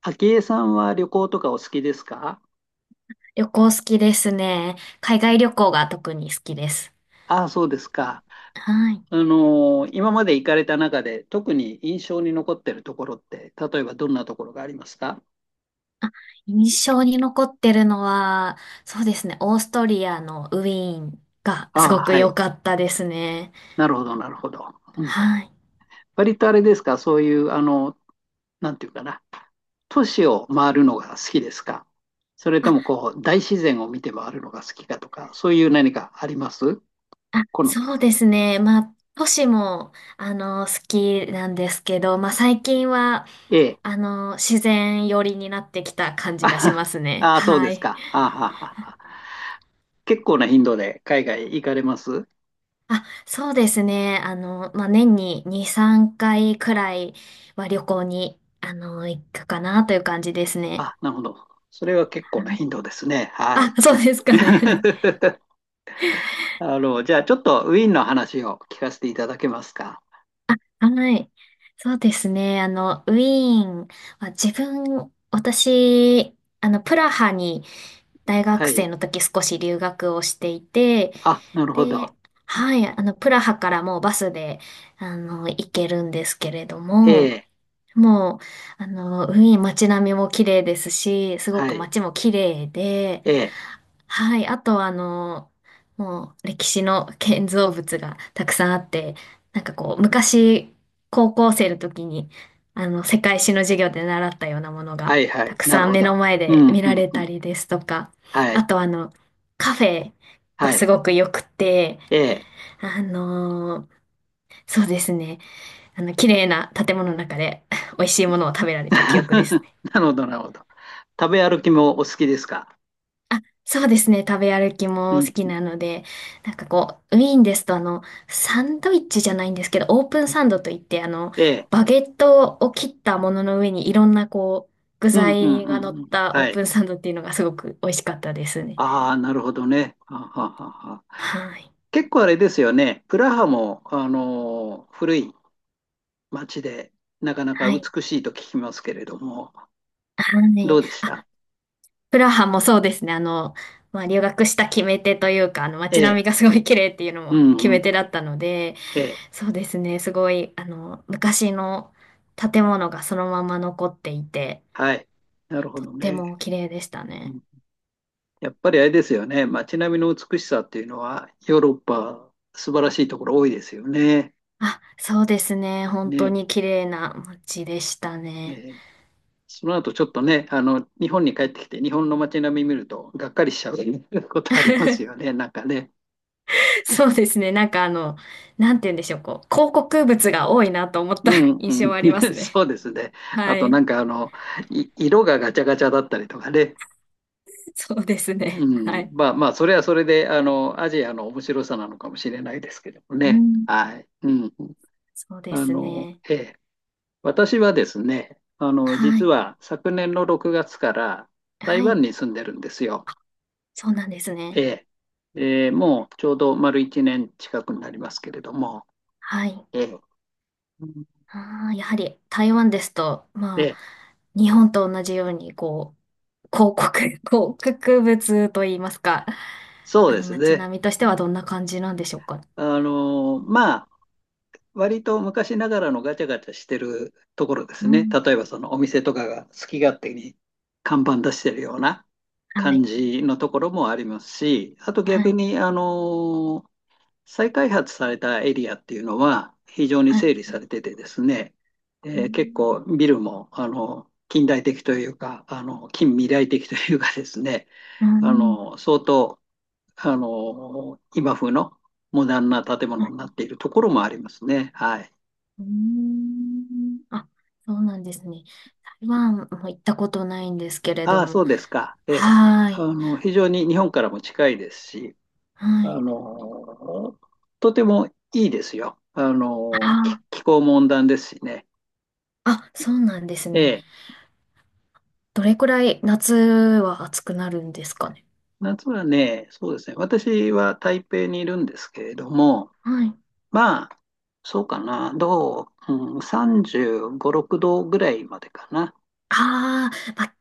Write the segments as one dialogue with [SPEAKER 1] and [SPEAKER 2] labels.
[SPEAKER 1] 昭恵さんは旅行とかお好きですか？
[SPEAKER 2] 旅行好きですね。海外旅行が特に好きです。
[SPEAKER 1] ああ、そうですか。
[SPEAKER 2] はい。
[SPEAKER 1] 今まで行かれた中で特に印象に残ってるところって、例えばどんなところがありますか？
[SPEAKER 2] 印象に残ってるのは、そうですね、オーストリアのウィーンが
[SPEAKER 1] あ
[SPEAKER 2] す
[SPEAKER 1] あ、
[SPEAKER 2] ごく
[SPEAKER 1] は
[SPEAKER 2] 良
[SPEAKER 1] い。
[SPEAKER 2] かったですね。
[SPEAKER 1] なるほど、なるほど。うん。
[SPEAKER 2] はい。
[SPEAKER 1] 割とあれですか、そういう、なんていうかな、都市を回るのが好きですか？それとも
[SPEAKER 2] あ、
[SPEAKER 1] こう、大自然を見て回るのが好きかとか、そういう何かあります？
[SPEAKER 2] あ、
[SPEAKER 1] 好み。
[SPEAKER 2] そうですね。まあ、都市も、好きなんですけど、まあ、最近は、
[SPEAKER 1] ええ。
[SPEAKER 2] 自然寄りになってきた感じ
[SPEAKER 1] あ
[SPEAKER 2] が
[SPEAKER 1] は
[SPEAKER 2] しま
[SPEAKER 1] はあ
[SPEAKER 2] すね。
[SPEAKER 1] あ、そう
[SPEAKER 2] は
[SPEAKER 1] です
[SPEAKER 2] い。
[SPEAKER 1] か。はあはあはあはあ。結構な頻度で海外行かれます？
[SPEAKER 2] あ、そうですね。まあ、年に2、3回くらいは旅行に、行くかなという感じですね。
[SPEAKER 1] あ、なるほど。それは結構な
[SPEAKER 2] はい。
[SPEAKER 1] 頻度ですね。は
[SPEAKER 2] あ、
[SPEAKER 1] い。
[SPEAKER 2] そうですかね。
[SPEAKER 1] じゃあちょっとウィーンの話を聞かせていただけますか。
[SPEAKER 2] はい。はい。そうですね。ウィーンは私、プラハに大
[SPEAKER 1] は
[SPEAKER 2] 学生
[SPEAKER 1] い。
[SPEAKER 2] の時少し留学をしていて、
[SPEAKER 1] あ、なるほど。
[SPEAKER 2] で、はい、プラハからもうバスで、行けるんですけれど
[SPEAKER 1] え
[SPEAKER 2] も、
[SPEAKER 1] え、
[SPEAKER 2] もう、ウィーン街並みも綺麗ですし、すご
[SPEAKER 1] は
[SPEAKER 2] く
[SPEAKER 1] い。
[SPEAKER 2] 街も綺麗で、
[SPEAKER 1] ええ、
[SPEAKER 2] はい、あとはもう歴史の建造物がたくさんあって、なんかこう、昔、高校生の時に、世界史の授業で習ったようなもの
[SPEAKER 1] は
[SPEAKER 2] が、
[SPEAKER 1] い、は
[SPEAKER 2] た
[SPEAKER 1] い。
[SPEAKER 2] く
[SPEAKER 1] なる
[SPEAKER 2] さん
[SPEAKER 1] ほ
[SPEAKER 2] 目
[SPEAKER 1] ど。
[SPEAKER 2] の前
[SPEAKER 1] う
[SPEAKER 2] で
[SPEAKER 1] ん、
[SPEAKER 2] 見
[SPEAKER 1] う
[SPEAKER 2] ら
[SPEAKER 1] ん、
[SPEAKER 2] れ
[SPEAKER 1] う
[SPEAKER 2] た
[SPEAKER 1] ん。
[SPEAKER 2] りですとか、
[SPEAKER 1] は
[SPEAKER 2] あ
[SPEAKER 1] い、
[SPEAKER 2] とカフェが
[SPEAKER 1] は
[SPEAKER 2] す
[SPEAKER 1] い。
[SPEAKER 2] ごく良くて、
[SPEAKER 1] ええ。
[SPEAKER 2] あの、そうですね、綺麗な建物の中で、美味しいものを食べられた記憶です。
[SPEAKER 1] なるほど、なるほど。食べ歩きもお好きですか。
[SPEAKER 2] あ、そうですね。食べ歩き
[SPEAKER 1] う
[SPEAKER 2] も好
[SPEAKER 1] ん。
[SPEAKER 2] きなので、なんかこう、ウィーンですとサンドイッチじゃないんですけど、オープンサンドといって、
[SPEAKER 1] ええ。
[SPEAKER 2] バゲットを切ったものの上にいろんなこう、具
[SPEAKER 1] うん、うん、
[SPEAKER 2] 材が
[SPEAKER 1] う
[SPEAKER 2] 乗
[SPEAKER 1] ん。
[SPEAKER 2] っ
[SPEAKER 1] うん、
[SPEAKER 2] たオ
[SPEAKER 1] は
[SPEAKER 2] ー
[SPEAKER 1] い。
[SPEAKER 2] プンサンドっていうのがすごく美味しかったですね。
[SPEAKER 1] ああ、なるほどね。はははは。
[SPEAKER 2] はい。
[SPEAKER 1] 結構あれですよね。プラハも、あのー古い街で、なかなか
[SPEAKER 2] はい。
[SPEAKER 1] 美しいと聞きますけれども、
[SPEAKER 2] は
[SPEAKER 1] ど
[SPEAKER 2] い。
[SPEAKER 1] うでした？
[SPEAKER 2] あ、プラハもそうですね。まあ、留学した決め手というか、
[SPEAKER 1] え
[SPEAKER 2] 街並
[SPEAKER 1] え、
[SPEAKER 2] みがすごい綺麗っていうの
[SPEAKER 1] う
[SPEAKER 2] も決
[SPEAKER 1] んう
[SPEAKER 2] め
[SPEAKER 1] ん、
[SPEAKER 2] 手だったので、
[SPEAKER 1] ええ、
[SPEAKER 2] そうですね。すごい、昔の建物がそのまま残っていて、
[SPEAKER 1] はい。なるほ
[SPEAKER 2] とっ
[SPEAKER 1] ど
[SPEAKER 2] て
[SPEAKER 1] ね。
[SPEAKER 2] も綺麗でした
[SPEAKER 1] う
[SPEAKER 2] ね。
[SPEAKER 1] ん。やっぱりあれですよね。街並みの美しさっていうのは、ヨーロッパ、素晴らしいところ多いですよね。
[SPEAKER 2] あ、そうですね。本当
[SPEAKER 1] ね。
[SPEAKER 2] に綺麗な街でした
[SPEAKER 1] え
[SPEAKER 2] ね。
[SPEAKER 1] え。その後ちょっとね、日本に帰ってきて、日本の街並み見ると、がっかりしちゃう ことありますよね、なんかね。
[SPEAKER 2] そうですね。なんかなんて言うんでしょう。こう、広告物が多いなと思っ
[SPEAKER 1] う
[SPEAKER 2] た
[SPEAKER 1] ん
[SPEAKER 2] 印
[SPEAKER 1] う
[SPEAKER 2] 象は
[SPEAKER 1] ん、
[SPEAKER 2] ありま すね。
[SPEAKER 1] そうですね。あ
[SPEAKER 2] は
[SPEAKER 1] と
[SPEAKER 2] い。
[SPEAKER 1] い色がガチャガチャだったりとかね、
[SPEAKER 2] そうです
[SPEAKER 1] う
[SPEAKER 2] ね。は
[SPEAKER 1] ん、
[SPEAKER 2] い。
[SPEAKER 1] まあまあ、それはそれで、アジアの面白さなのかもしれないですけども
[SPEAKER 2] う
[SPEAKER 1] ね。
[SPEAKER 2] ん。
[SPEAKER 1] はい。うん。
[SPEAKER 2] そうですね。
[SPEAKER 1] ええ。私はですね、
[SPEAKER 2] は
[SPEAKER 1] 実
[SPEAKER 2] い。
[SPEAKER 1] は昨年の6月から
[SPEAKER 2] は
[SPEAKER 1] 台湾
[SPEAKER 2] い。
[SPEAKER 1] に住んでるんですよ。
[SPEAKER 2] そうなんです
[SPEAKER 1] え
[SPEAKER 2] ね。
[SPEAKER 1] え。えーもうちょうど丸1年近くになりますけれども。
[SPEAKER 2] はい。
[SPEAKER 1] ええ。うん。
[SPEAKER 2] ああ、やはり台湾ですと、
[SPEAKER 1] え
[SPEAKER 2] ま
[SPEAKER 1] え、
[SPEAKER 2] あ、日本と同じように、こう、広告物といいますか、
[SPEAKER 1] そう
[SPEAKER 2] あ
[SPEAKER 1] で
[SPEAKER 2] の
[SPEAKER 1] す
[SPEAKER 2] 街
[SPEAKER 1] ね。
[SPEAKER 2] 並みとしてはどんな感じなんでしょうか。
[SPEAKER 1] あの、ま割と昔ながらのガチャガチャしてるところです
[SPEAKER 2] う
[SPEAKER 1] ね。
[SPEAKER 2] ん、
[SPEAKER 1] 例えばそのお店とかが好き勝手に看板出してるような
[SPEAKER 2] は
[SPEAKER 1] 感
[SPEAKER 2] い、
[SPEAKER 1] じのところもありますし、あと
[SPEAKER 2] は
[SPEAKER 1] 逆
[SPEAKER 2] い、
[SPEAKER 1] に、あのー再開発されたエリアっていうのは非常に
[SPEAKER 2] は
[SPEAKER 1] 整
[SPEAKER 2] い。
[SPEAKER 1] 理されててですね、
[SPEAKER 2] う
[SPEAKER 1] えー結
[SPEAKER 2] ん、
[SPEAKER 1] 構ビルも、近代的というか、近未来的というかですね、
[SPEAKER 2] う
[SPEAKER 1] あ
[SPEAKER 2] ん、
[SPEAKER 1] の、相当、あの、今風のモダンな建
[SPEAKER 2] は
[SPEAKER 1] 物
[SPEAKER 2] い。
[SPEAKER 1] になっているところもありますね。はい。
[SPEAKER 2] うん、あ、そうなんですね。台湾も行ったことないんですけれど
[SPEAKER 1] ああ、そ
[SPEAKER 2] も。
[SPEAKER 1] うですか。ええ。
[SPEAKER 2] はーい、
[SPEAKER 1] 非常に日本からも近いですし、
[SPEAKER 2] は
[SPEAKER 1] あ
[SPEAKER 2] い。
[SPEAKER 1] の、とてもいいですよ。
[SPEAKER 2] あー、
[SPEAKER 1] 気候も温暖ですしね。
[SPEAKER 2] あ、そうなんです
[SPEAKER 1] え
[SPEAKER 2] ね。
[SPEAKER 1] え。
[SPEAKER 2] どれくらい夏は暑くなるんですかね。
[SPEAKER 1] 夏はね、そうですね。私は台北にいるんですけれども、
[SPEAKER 2] はい。
[SPEAKER 1] まあ、そうかな。どう、うん、35、6度ぐらいまでかな。
[SPEAKER 2] ああ、まあ、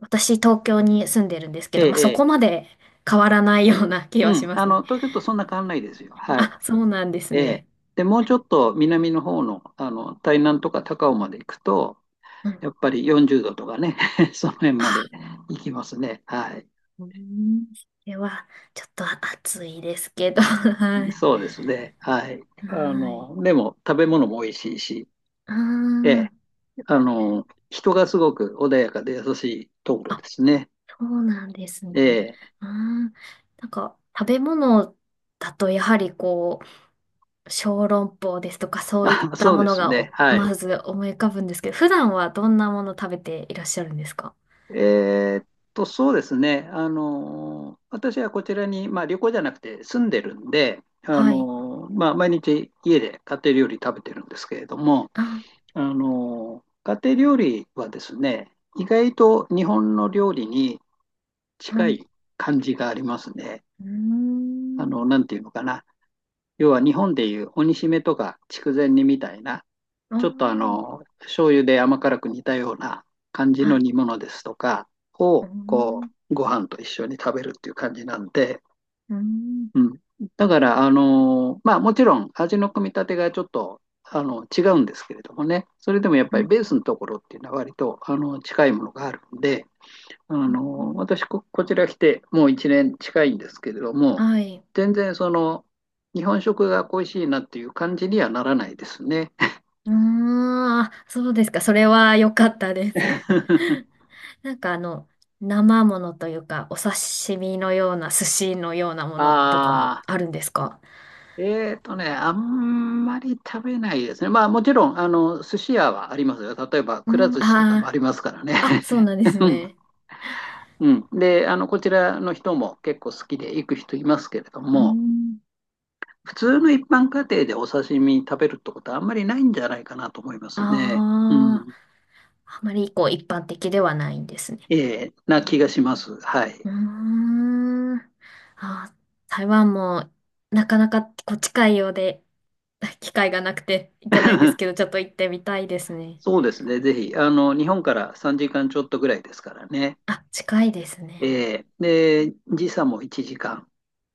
[SPEAKER 2] 私東京に住んでるんですけ
[SPEAKER 1] ええ、
[SPEAKER 2] ど、まあ、そ
[SPEAKER 1] ええ。
[SPEAKER 2] こまで変わらないような 気
[SPEAKER 1] う
[SPEAKER 2] はし
[SPEAKER 1] ん。
[SPEAKER 2] ますね。
[SPEAKER 1] 東京とそんな変わんないですよ。はい。
[SPEAKER 2] あ、そうなんです
[SPEAKER 1] ええ。
[SPEAKER 2] ね。
[SPEAKER 1] で、もうちょっと南の方の、台南とか高雄まで行くと、
[SPEAKER 2] うん。
[SPEAKER 1] やっぱり40度とかね、その辺まで
[SPEAKER 2] あ、
[SPEAKER 1] 行きますね。はい。
[SPEAKER 2] うん。それは、ちょっと暑いですけど、はい。
[SPEAKER 1] そうですね。はい。
[SPEAKER 2] はい。
[SPEAKER 1] でも食べ物も美味しいし、え
[SPEAKER 2] あ
[SPEAKER 1] え。人がすごく穏やかで優しいところ
[SPEAKER 2] あ、
[SPEAKER 1] で
[SPEAKER 2] あ、
[SPEAKER 1] すね。
[SPEAKER 2] そうなんですね。
[SPEAKER 1] ええ。
[SPEAKER 2] ああ、なんか、食べ物だとやはりこう、小籠包ですとかそういっ
[SPEAKER 1] あ、
[SPEAKER 2] た
[SPEAKER 1] そう
[SPEAKER 2] も
[SPEAKER 1] で
[SPEAKER 2] の
[SPEAKER 1] す
[SPEAKER 2] が
[SPEAKER 1] ね。
[SPEAKER 2] お
[SPEAKER 1] はい。
[SPEAKER 2] まず思い浮かぶんですけど、普段はどんなもの食べていらっしゃるんですか？
[SPEAKER 1] えーっそうですね。私はこちらに、まあ旅行じゃなくて住んでるんで、
[SPEAKER 2] はい。
[SPEAKER 1] まあ毎日家で家庭料理食べてるんですけれども、
[SPEAKER 2] あ、
[SPEAKER 1] 家庭料理はですね、意外と日本の料理に近
[SPEAKER 2] はい。
[SPEAKER 1] い感じがありますね。
[SPEAKER 2] うー
[SPEAKER 1] あ
[SPEAKER 2] ん。
[SPEAKER 1] の、なんていうのかな。要は日本でいう鬼しめとか筑前煮みたいな、
[SPEAKER 2] あ
[SPEAKER 1] ちょっとあ
[SPEAKER 2] ー、
[SPEAKER 1] の、醤油で甘辛く煮たような感じ
[SPEAKER 2] は
[SPEAKER 1] の
[SPEAKER 2] い。
[SPEAKER 1] 煮物ですとか
[SPEAKER 2] うー
[SPEAKER 1] を、こ
[SPEAKER 2] ん。
[SPEAKER 1] う、ご飯と一緒に食べるっていう感じなんで、
[SPEAKER 2] うーん。
[SPEAKER 1] うん。だから、あのーまあもちろん味の組み立てがちょっと、違うんですけれどもね、それでもやっぱ
[SPEAKER 2] は
[SPEAKER 1] り
[SPEAKER 2] い。
[SPEAKER 1] ベースのところっていうのは割と、近いものがあるんで、あ
[SPEAKER 2] うー
[SPEAKER 1] のー
[SPEAKER 2] ん。
[SPEAKER 1] 私こ、こちら来てもう1年近いんですけれども、
[SPEAKER 2] はい。
[SPEAKER 1] 全然その、日本食が恋しいなっていう感じにはならないですね。
[SPEAKER 2] ああ、そうですか。それは良かったです。なんか生ものというか、お刺身のような、寿司のようなものとかも
[SPEAKER 1] ああ、
[SPEAKER 2] あるんですか？
[SPEAKER 1] あんまり食べないですね。まあもちろん、寿司屋はありますよ。例えば、
[SPEAKER 2] う
[SPEAKER 1] くら
[SPEAKER 2] ん、
[SPEAKER 1] 寿司とかもあ
[SPEAKER 2] あ
[SPEAKER 1] りますからね。
[SPEAKER 2] あ、あ、そうなんですね。
[SPEAKER 1] うん、でこちらの人も結構好きで行く人いますけれど
[SPEAKER 2] う
[SPEAKER 1] も、
[SPEAKER 2] ん。
[SPEAKER 1] 普通の一般家庭でお刺身食べるってことはあんまりないんじゃないかなと思いま
[SPEAKER 2] あ
[SPEAKER 1] すね。う
[SPEAKER 2] あ、
[SPEAKER 1] ん、
[SPEAKER 2] あまりこう一般的ではないんですね。
[SPEAKER 1] えーな気がします。はい。
[SPEAKER 2] うーん。あ、台湾もなかなかこう近いようで、機会がなくて行けないんですけど、ちょっと行ってみたいですね。
[SPEAKER 1] そうですね、ぜひ、日本から3時間ちょっとぐらいですからね。
[SPEAKER 2] あ、近いですね。
[SPEAKER 1] えーで、時差も1時間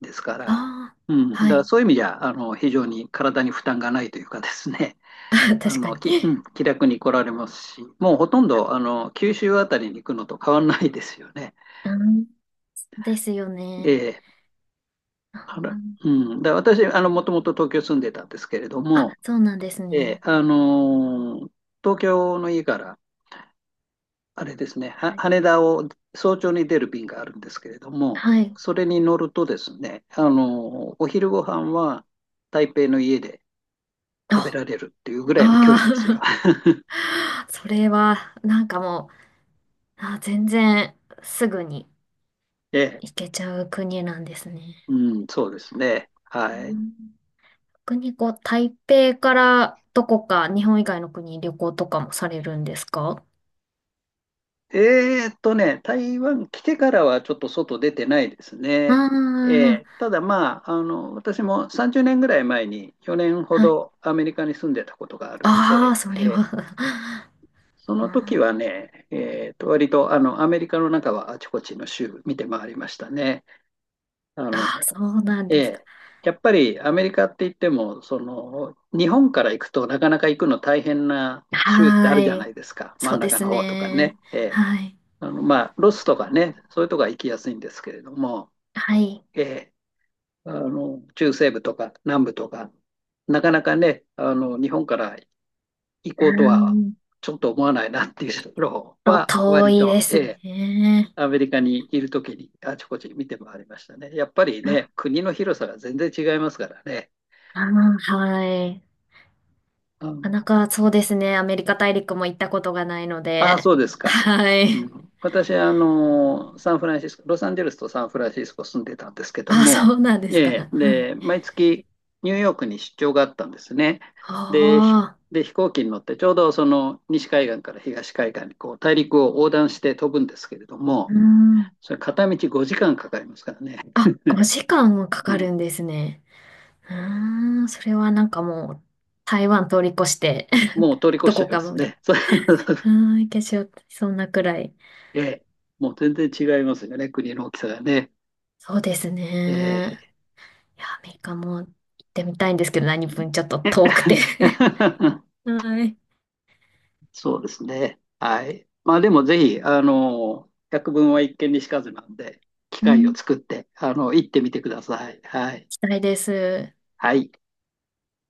[SPEAKER 1] ですか
[SPEAKER 2] あ
[SPEAKER 1] ら、
[SPEAKER 2] あ、
[SPEAKER 1] うん、だ
[SPEAKER 2] は
[SPEAKER 1] から
[SPEAKER 2] い。
[SPEAKER 1] そういう意味じゃ、非常に体に負担がないというかですね。
[SPEAKER 2] あ、確か
[SPEAKER 1] う
[SPEAKER 2] に。
[SPEAKER 1] ん、気楽に来られますし、もうほとんど、九州あたりに行くのと変わらないですよね。
[SPEAKER 2] うん、ですよ
[SPEAKER 1] え
[SPEAKER 2] ね。
[SPEAKER 1] え、
[SPEAKER 2] あ
[SPEAKER 1] あら、
[SPEAKER 2] ー、
[SPEAKER 1] うん。だ私、もともと東京住んでたんですけれど
[SPEAKER 2] あ、
[SPEAKER 1] も、
[SPEAKER 2] そうなんです
[SPEAKER 1] ええ、
[SPEAKER 2] ね。
[SPEAKER 1] あのー東京の家から、あれですね、は
[SPEAKER 2] はい。
[SPEAKER 1] 羽田を早朝に出る便があるんですけれども、
[SPEAKER 2] はい。
[SPEAKER 1] それに乗るとですね、あのーお昼ご飯は台北の家で食べ
[SPEAKER 2] あ、
[SPEAKER 1] られるっていうぐらいの距離ですよ。
[SPEAKER 2] あー それは、なんかもう、あ、全然すぐに
[SPEAKER 1] ええ、
[SPEAKER 2] 行けちゃう国なんですね。
[SPEAKER 1] うん、そうですね。
[SPEAKER 2] う
[SPEAKER 1] はい。
[SPEAKER 2] ん。逆にこう、台北からどこか日本以外の国に旅行とかもされるんですか？
[SPEAKER 1] 台湾来てからはちょっと外出てないです
[SPEAKER 2] あ
[SPEAKER 1] ね。
[SPEAKER 2] あ、
[SPEAKER 1] えーただまあ、私も30年ぐらい前に去年ほ
[SPEAKER 2] はい。
[SPEAKER 1] どアメリカに住んでたことがあるの
[SPEAKER 2] あ
[SPEAKER 1] で、
[SPEAKER 2] あ、それ
[SPEAKER 1] え
[SPEAKER 2] は
[SPEAKER 1] ー そ
[SPEAKER 2] うん。
[SPEAKER 1] の時
[SPEAKER 2] あ
[SPEAKER 1] はね、割とあのアメリカの中はあちこちの州見て回りましたね。あ
[SPEAKER 2] あ、
[SPEAKER 1] の、
[SPEAKER 2] そうなんです
[SPEAKER 1] え
[SPEAKER 2] か。
[SPEAKER 1] ーやっぱりアメリカって言っても、その、日本から行くとなかなか行くの大変な州って
[SPEAKER 2] は
[SPEAKER 1] あるじゃな
[SPEAKER 2] ーい。
[SPEAKER 1] いですか。真
[SPEAKER 2] そ
[SPEAKER 1] ん
[SPEAKER 2] うで
[SPEAKER 1] 中
[SPEAKER 2] す
[SPEAKER 1] の方とかね。
[SPEAKER 2] ね。
[SPEAKER 1] えー
[SPEAKER 2] はい。
[SPEAKER 1] まあ、ロスとかね、そういうとこは行きやすいんですけれども、
[SPEAKER 2] はい。
[SPEAKER 1] えー中西部とか南部とか、なかなかね、日本から行
[SPEAKER 2] うー
[SPEAKER 1] こうとは
[SPEAKER 2] ん
[SPEAKER 1] ちょっと思わないなっていうところ
[SPEAKER 2] と、
[SPEAKER 1] は、
[SPEAKER 2] 遠
[SPEAKER 1] 割
[SPEAKER 2] いで
[SPEAKER 1] と、
[SPEAKER 2] す
[SPEAKER 1] えー
[SPEAKER 2] ね。
[SPEAKER 1] アメリカにいるときにあちこち見て回りましたね。やっぱりね、
[SPEAKER 2] あ
[SPEAKER 1] 国の広さが全然違いますからね。
[SPEAKER 2] あー、はい。
[SPEAKER 1] あ
[SPEAKER 2] な
[SPEAKER 1] の
[SPEAKER 2] かなかそうですね。アメリカ大陸も行ったことがないの
[SPEAKER 1] ああ、
[SPEAKER 2] で。
[SPEAKER 1] そうですか。
[SPEAKER 2] は
[SPEAKER 1] う
[SPEAKER 2] い。
[SPEAKER 1] ん、私はあの、サンフランシスコ、ロサンゼルスとサンフランシスコ住んでたんですけど
[SPEAKER 2] あ、
[SPEAKER 1] も、
[SPEAKER 2] そうなんですか。
[SPEAKER 1] ええ、
[SPEAKER 2] はい。
[SPEAKER 1] で、毎月ニューヨークに出張があったんですね。で、ひ
[SPEAKER 2] ああ、
[SPEAKER 1] で、飛行機に乗ってちょうどその西海岸から東海岸にこう大陸を横断して飛ぶんですけれど
[SPEAKER 2] うー
[SPEAKER 1] も、
[SPEAKER 2] ん。
[SPEAKER 1] それ片道5時間かかりますからね。
[SPEAKER 2] あ、5時間もか
[SPEAKER 1] う
[SPEAKER 2] か
[SPEAKER 1] ん、
[SPEAKER 2] るんですね。うーん、それはなんかもう、台湾通り越して
[SPEAKER 1] もう通り越
[SPEAKER 2] ど
[SPEAKER 1] しちゃ
[SPEAKER 2] こ
[SPEAKER 1] いま
[SPEAKER 2] かま
[SPEAKER 1] す
[SPEAKER 2] で。
[SPEAKER 1] ね。そう
[SPEAKER 2] うー ん、行けしよう、そんなくらい。
[SPEAKER 1] ええ、もう全然違いますよね、国の大きさがね。
[SPEAKER 2] そうですね。
[SPEAKER 1] え
[SPEAKER 2] いや、アメリカも行ってみたいんですけど、何分ちょっと
[SPEAKER 1] え
[SPEAKER 2] 遠くて はい。
[SPEAKER 1] そうですね。はい。まあでもぜひ、百聞は一見にしかずなんで、機
[SPEAKER 2] う
[SPEAKER 1] 会を
[SPEAKER 2] ん、行
[SPEAKER 1] 作って、行ってみてください。はい。
[SPEAKER 2] きたいです。
[SPEAKER 1] はい。